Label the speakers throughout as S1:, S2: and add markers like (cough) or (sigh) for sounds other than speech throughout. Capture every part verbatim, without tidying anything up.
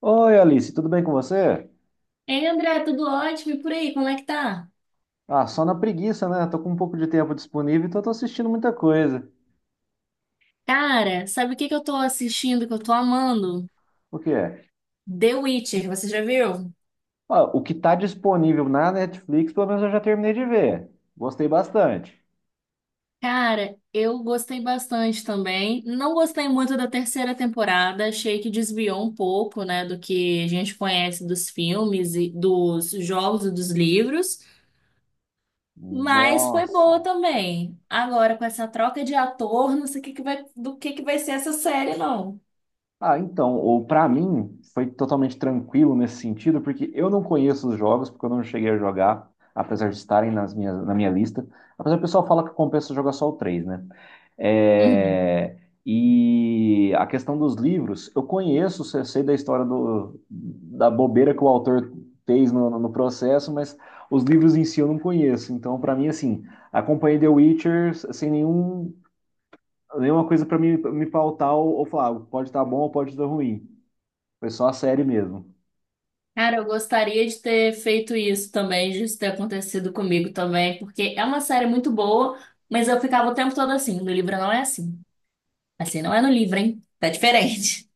S1: Oi, Alice, tudo bem com você?
S2: Ei, André, tudo ótimo? E por aí, como é que tá?
S1: Ah, só na preguiça, né? Tô com um pouco de tempo disponível, então tô assistindo muita coisa.
S2: Cara, sabe o que que eu tô assistindo que eu tô amando?
S1: O que é?
S2: The Witcher, você já viu?
S1: Ó, o que tá disponível na Netflix, pelo menos eu já terminei de ver. Gostei bastante.
S2: Cara, eu gostei bastante também. Não gostei muito da terceira temporada, achei que desviou um pouco, né, do que a gente conhece dos filmes e dos jogos e dos livros, mas foi
S1: Nossa.
S2: boa também. Agora, com essa troca de ator, não sei o que que vai, do que que vai ser essa série, não.
S1: Ah, então, ou para mim foi totalmente tranquilo nesse sentido, porque eu não conheço os jogos, porque eu não cheguei a jogar, apesar de estarem nas minhas, na minha lista. Apesar do pessoal fala que compensa jogar só o três, né? É, e a questão dos livros, eu conheço, sei sei da história do, da bobeira que o autor fez no, no processo, mas os livros em si eu não conheço. Então, para mim, assim, acompanhei The Witcher sem nenhum, nenhuma coisa para me, me pautar ou, ou falar, "Ah, pode estar bom ou pode estar ruim. Foi só a série mesmo.
S2: Cara, eu gostaria de ter feito isso também, de isso ter acontecido comigo também, porque é uma série muito boa, mas eu ficava o tempo todo assim, no livro não é assim. Assim não é no livro, hein? Tá diferente.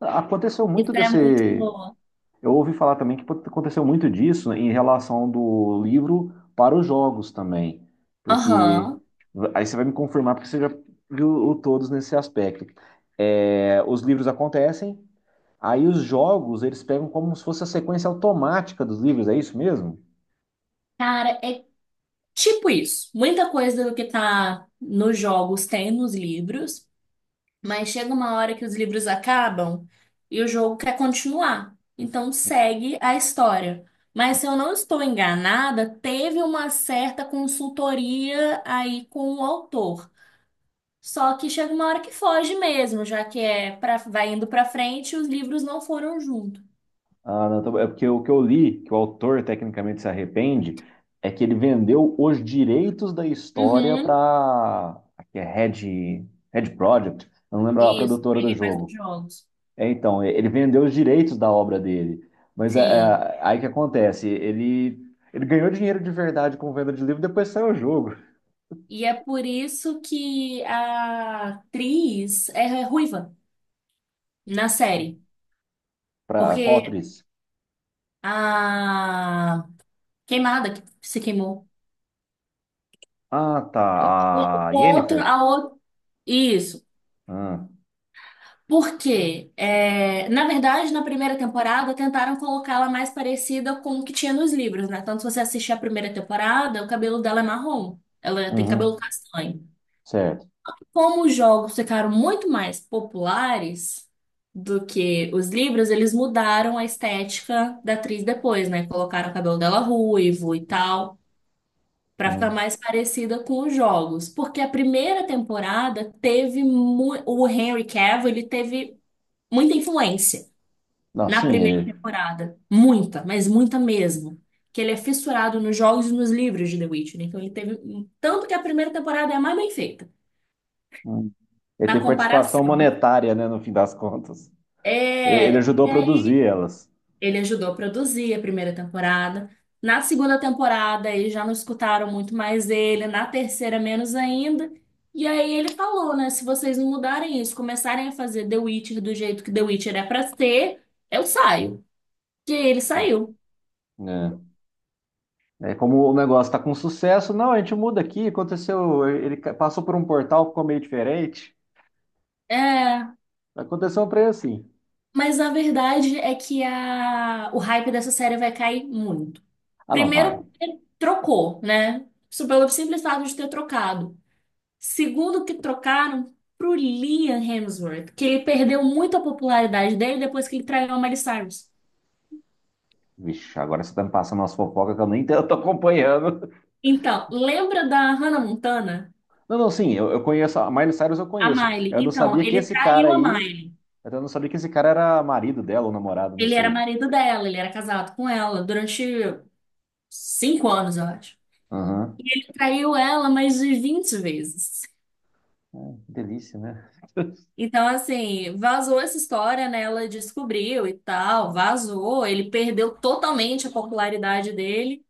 S1: Aconteceu
S2: (laughs)
S1: muito
S2: Isso é muito
S1: desse.
S2: boa.
S1: Eu ouvi falar também que aconteceu muito disso, né, em relação do livro para os jogos também, porque
S2: Aham.
S1: aí você vai me confirmar porque você já viu o todos nesse aspecto. É, os livros acontecem, aí os jogos eles pegam como se fosse a sequência automática dos livros, é isso mesmo?
S2: Cara, é tipo isso. Muita coisa do que tá nos jogos tem nos livros. Mas chega uma hora que os livros acabam e o jogo quer continuar. Então segue a história. Mas se eu não estou enganada, teve uma certa consultoria aí com o autor. Só que chega uma hora que foge mesmo, já que é para vai indo para frente e os livros não foram junto.
S1: Ah, não, tá- bom. É porque o que eu li, que o autor tecnicamente se arrepende, é que ele vendeu os direitos da história para
S2: Uhum.
S1: a Red, Red Project, eu não lembro a
S2: Isso,
S1: produtora do
S2: peguei mais os
S1: jogo.
S2: jogos.
S1: É, então, ele vendeu os direitos da obra dele. Mas é,
S2: Sim.
S1: é, aí que acontece, ele, ele ganhou dinheiro de verdade com venda de livro, depois saiu o jogo.
S2: E é por isso que a atriz é ruiva na série,
S1: Pra, qual
S2: porque
S1: atriz?
S2: a Queimada que se queimou.
S1: Ah, tá.
S2: O
S1: A
S2: o outro,
S1: Yennefer.
S2: a outro. Isso.
S1: Ah,
S2: porque É, na verdade, na primeira temporada, tentaram colocá-la mais parecida com o que tinha nos livros, né? Tanto se você assistir a primeira temporada, o cabelo dela é marrom. Ela tem cabelo
S1: uhum,
S2: castanho.
S1: certo.
S2: Como os jogos ficaram muito mais populares do que os livros, eles mudaram a estética da atriz depois, né? Colocaram o cabelo dela ruivo e tal. Pra ficar
S1: Hum.
S2: mais parecida com os jogos, porque a primeira temporada teve mu- o Henry Cavill, ele teve muita influência
S1: Não,
S2: na
S1: sim,
S2: primeira
S1: ele,
S2: temporada, muita, mas muita mesmo, que ele é fissurado nos jogos e nos livros de The Witcher, então ele teve um, tanto que a primeira temporada é a mais bem feita,
S1: hum, ele
S2: na
S1: tem participação
S2: comparação, né?
S1: monetária, né, no fim das contas. E- ele
S2: É,
S1: ajudou a
S2: e
S1: produzir
S2: aí
S1: elas.
S2: Ele ajudou a produzir a primeira temporada. Na segunda temporada, eles já não escutaram muito mais ele. Na terceira, menos ainda. E aí ele falou, né? Se vocês não mudarem isso, começarem a fazer The Witcher do jeito que The Witcher é pra ser, eu saio. E aí ele saiu.
S1: É, é como o negócio está com sucesso, não, a gente muda aqui, aconteceu, ele ca- passou por um portal, ficou meio diferente.
S2: É,
S1: Aconteceu um preço assim.
S2: mas a verdade é que a, o hype dessa série vai cair muito.
S1: Ah, não, vai.
S2: Primeiro, ele trocou, né? Isso pelo simples fato de ter trocado. Segundo que trocaram pro Liam Hemsworth, que ele perdeu muito a popularidade dele depois que ele traiu a Miley Cyrus.
S1: Vixe, agora você tá me passando umas fofocas que eu nem (laughs) tô acompanhando.
S2: Então, lembra da Hannah Montana?
S1: Não, não, sim, eu, eu conheço. A Miley Cyrus eu
S2: A
S1: conheço.
S2: Miley.
S1: Eu não
S2: Então,
S1: sabia que
S2: ele
S1: esse cara
S2: traiu a
S1: aí.
S2: Miley.
S1: Eu não sabia que esse cara era marido dela ou namorado, não
S2: Ele era
S1: sei.
S2: marido dela, ele era casado com ela durante cinco anos, eu acho.
S1: Aham.
S2: E ele traiu ela mais de vinte vezes.
S1: Ah, que delícia, né?
S2: Então, assim, vazou essa história, né? Ela descobriu e tal, vazou. Ele perdeu totalmente a popularidade dele.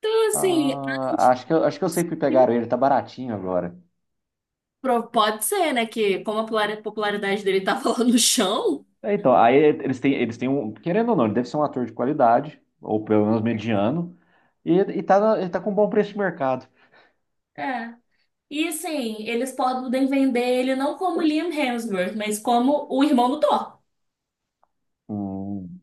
S2: Então, assim,
S1: Ah, acho que eu, acho que eu sei que pegaram ele, tá baratinho agora.
S2: Pro- pode ser, né? Que como a polar- popularidade dele tava (laughs) lá no chão.
S1: É, então, aí eles têm, eles têm um. Querendo ou não, ele deve ser um ator de qualidade, ou pelo menos mediano, e, e tá, na- ele tá com um bom preço de mercado.
S2: É. E assim, eles podem vender ele não como Liam Hemsworth, mas como o irmão do Thor.
S1: Hum.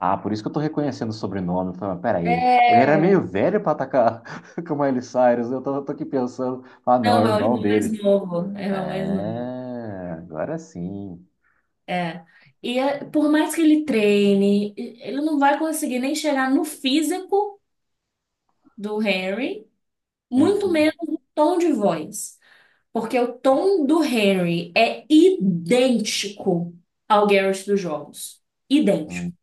S1: Ah, por isso que eu tô reconhecendo o sobrenome. Falei, peraí, ele era meio
S2: É.
S1: velho pra atacar (laughs) com o Miley Cyrus. Eu tô, tô aqui pensando, ah, não, é o
S2: Não, é o
S1: irmão
S2: irmão mais
S1: dele.
S2: novo. É o irmão mais novo.
S1: É, agora sim.
S2: É. E é- por mais que ele treine, ele não vai conseguir nem chegar no físico do Harry, muito
S1: Uhum,
S2: menos no tom de voz. Porque o tom do Henry é idêntico ao Garrett dos jogos. Idêntico.
S1: uhum.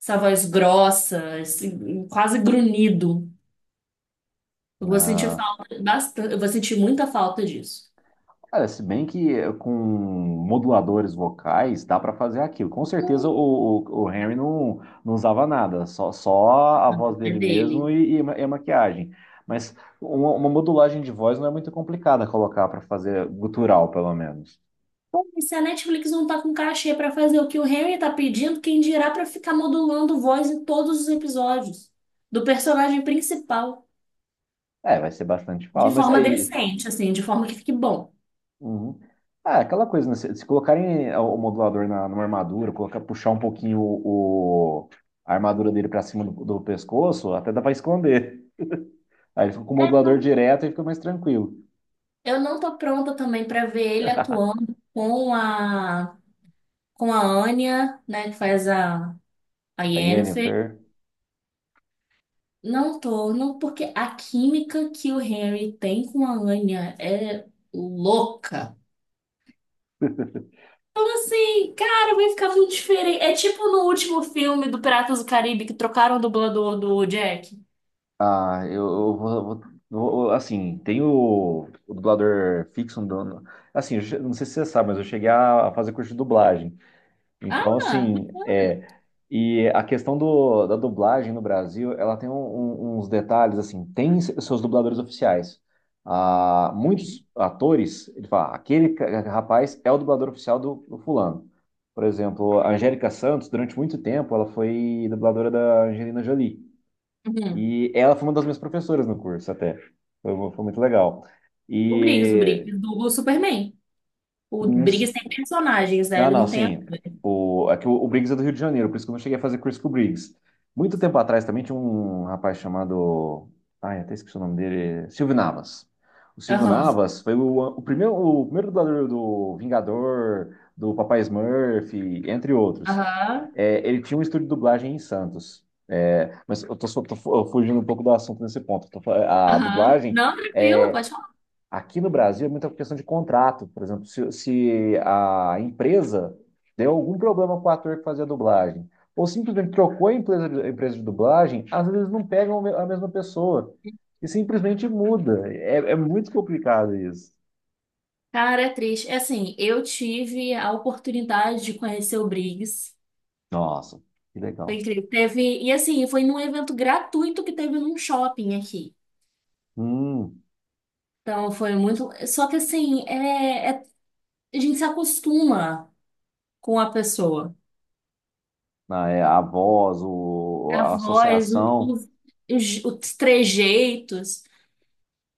S2: Essa voz grossa, esse- quase grunhido. Eu vou sentir
S1: Ah,
S2: falta bastante, eu vou sentir muita falta disso.
S1: olha, se bem que eh, com moduladores vocais dá pra fazer aquilo. Com certeza o, o, o Henry não, não usava nada, só, só a voz
S2: É
S1: dele mesmo
S2: dele.
S1: e, e ma- e a maquiagem. Mas uma, uma modulagem de voz não é muito complicada colocar pra fazer gutural, pelo menos.
S2: Pô, e se a Netflix não tá com cachê pra fazer o que o Henry tá pedindo, quem dirá pra ficar modulando voz em todos os episódios do personagem principal
S1: É, vai ser bastante
S2: de
S1: fala, mas
S2: forma
S1: aí.
S2: decente, assim, de forma que fique bom.
S1: Uhum. Ah, aquela coisa, né? Se, se colocarem o modulador na, numa armadura, colocar, puxar um pouquinho o, o- a armadura dele pra cima do, do pescoço, até dá pra esconder. Aí ele fica com o modulador direto e fica mais tranquilo.
S2: Eu não tô pronta também pra ver ele
S1: (laughs)
S2: atuando com a com a Anya, né, que faz a a
S1: A
S2: Yennefer.
S1: Yennefer.
S2: Não tô, não porque a química que o Henry tem com a Anya é louca. E, cara, vai ficar muito diferente. É tipo no último filme do Piratas do Caribe que trocaram o dublador do Jack.
S1: Ah, eu, eu vou, vou- vou- Assim, tem o, o dublador fixo. Um dono- Assim, eu che- não sei se você sabe, mas eu cheguei a fazer curso de dublagem. Então,
S2: Ah,
S1: assim, é, e a questão do, da dublagem no Brasil, ela tem um- um- uns detalhes, assim, tem se- seus dubladores oficiais. Ah, muitos atores, ele fala, aquele ca- rapaz é o dublador oficial do, do fulano. Por exemplo, a Angélica Santos, durante muito tempo, ela foi dubladora da Angelina Jolie.
S2: uhum.
S1: E ela foi uma das minhas professoras no curso, até. Foi, foi muito legal.
S2: O Briggs, o
S1: E
S2: Briggs dubla o Superman. O Briggs tem personagens, né?
S1: não,
S2: Ele
S1: não,
S2: não tem ator.
S1: sim. O, é que o, o Briggs é do Rio de Janeiro, por isso que eu não cheguei a fazer curso com o Briggs. Muito tempo atrás também tinha um rapaz chamado. Ai, até esqueci o nome dele. Silvio Navas. O Silvio
S2: Aham.
S1: Navas foi o, o primeiro, o primeiro dublador do Vingador, do Papai Smurf, entre outros.
S2: Aham.
S1: É, ele tinha um estúdio de dublagem em Santos. É, mas eu tô, só- tô fu- fugindo um pouco do assunto nesse ponto. Tô fa- a
S2: Aham.
S1: dublagem
S2: Não, tranquilo, pode falar.
S1: aqui no Brasil é muita questão de contrato. Por exemplo, se, se a empresa deu algum problema com o ator que fazia dublagem, ou simplesmente trocou a empresa de, a empresa de dublagem, às vezes não pegam a me- a mesma pessoa. E simplesmente muda. É, é muito complicado isso.
S2: Cara, é triste. É assim, eu tive a oportunidade de conhecer o Briggs.
S1: Nossa, que
S2: Foi
S1: legal.
S2: incrível. Teve, e assim, foi num evento gratuito que teve num shopping aqui.
S1: Hum,
S2: Então foi muito. Só que assim, é, é- a gente se acostuma com a pessoa.
S1: ah, é, a voz, o,
S2: A
S1: a
S2: voz, o- o-
S1: associação.
S2: os, os trejeitos.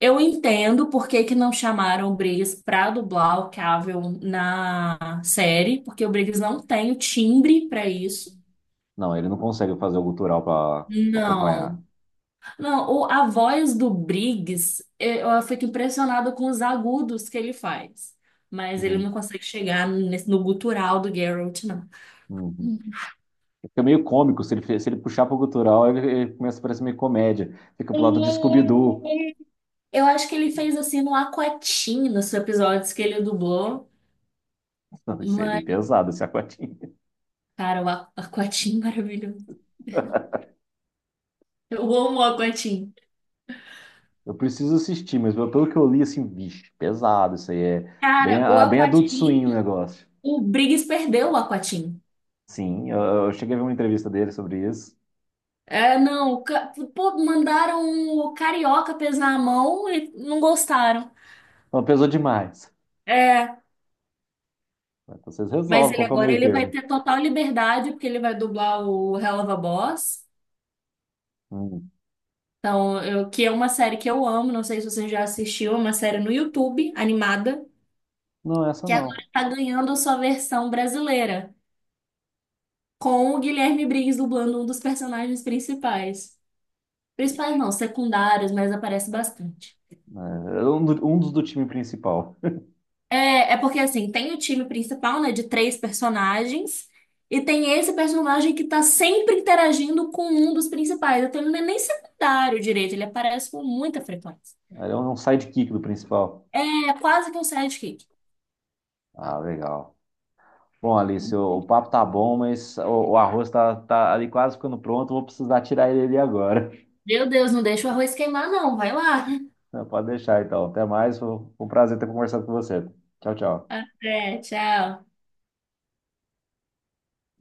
S2: Eu entendo por que que não chamaram o Briggs pra dublar o Cavill na série, porque o Briggs não tem o timbre pra isso.
S1: Não, ele não consegue fazer o gutural para acompanhar.
S2: Não, não, o, a voz do Briggs, eu, eu fico impressionada com os agudos que ele faz. Mas ele
S1: Hum,
S2: não consegue chegar nesse- no gutural do Geralt, não.
S1: uhum.
S2: Hum.
S1: Fica meio cômico, se ele, se ele puxar pro cultural, ele, ele começa a parecer meio comédia. Fica pro lado do Scooby-Doo.
S2: Eu acho que ele fez assim no Aquatim, nos episódios que ele dublou.
S1: Não, isso aí é bem
S2: Mas,
S1: pesado, esse aquatinho.
S2: cara, o A- Aquatim (laughs) maravilhoso. Eu amo o Aquatim.
S1: Eu preciso assistir, mas pelo que eu li, assim, vixe, pesado, isso aí é bem,
S2: Cara, o
S1: ah, bem adulto
S2: Aquatim,
S1: swing o negócio.
S2: o Briggs perdeu o Aquatim.
S1: Sim, eu, eu cheguei a ver uma entrevista dele sobre isso.
S2: É, não, o ca- pô, mandaram o Carioca pesar a mão e não gostaram.
S1: Não, pesou demais.
S2: É,
S1: Mas vocês
S2: mas
S1: resolvem
S2: ele
S1: qual que é o
S2: agora
S1: meio
S2: ele vai
S1: termo.
S2: ter total liberdade, porque ele vai dublar o Hell of a Boss.
S1: Hum.
S2: Então, eu, que é uma série que eu amo, não sei se você já assistiu, é uma série no YouTube, animada,
S1: Não, essa
S2: que
S1: não.
S2: agora tá ganhando a sua versão brasileira, com o Guilherme Briggs dublando um dos personagens principais. Principais não, secundários, mas aparece bastante.
S1: É, é um, do- um dos do time principal.
S2: É, é porque assim, tem o time principal, né, de três personagens, e tem esse personagem que tá sempre interagindo com um dos principais. Então ele não é nem secundário direito, ele aparece com muita frequência.
S1: Ele é um sidekick do principal.
S2: É quase que um sidekick.
S1: Ah, legal. Bom, Alice, o, o papo tá bom, mas o, o arroz tá, tá ali quase ficando pronto. Vou precisar tirar ele ali agora.
S2: Meu Deus, não deixa o arroz queimar, não. Vai lá.
S1: (laughs) Pode deixar, então. Até mais. Foi um prazer ter conversado com você. Tchau, tchau.
S2: (laughs) Até, tchau.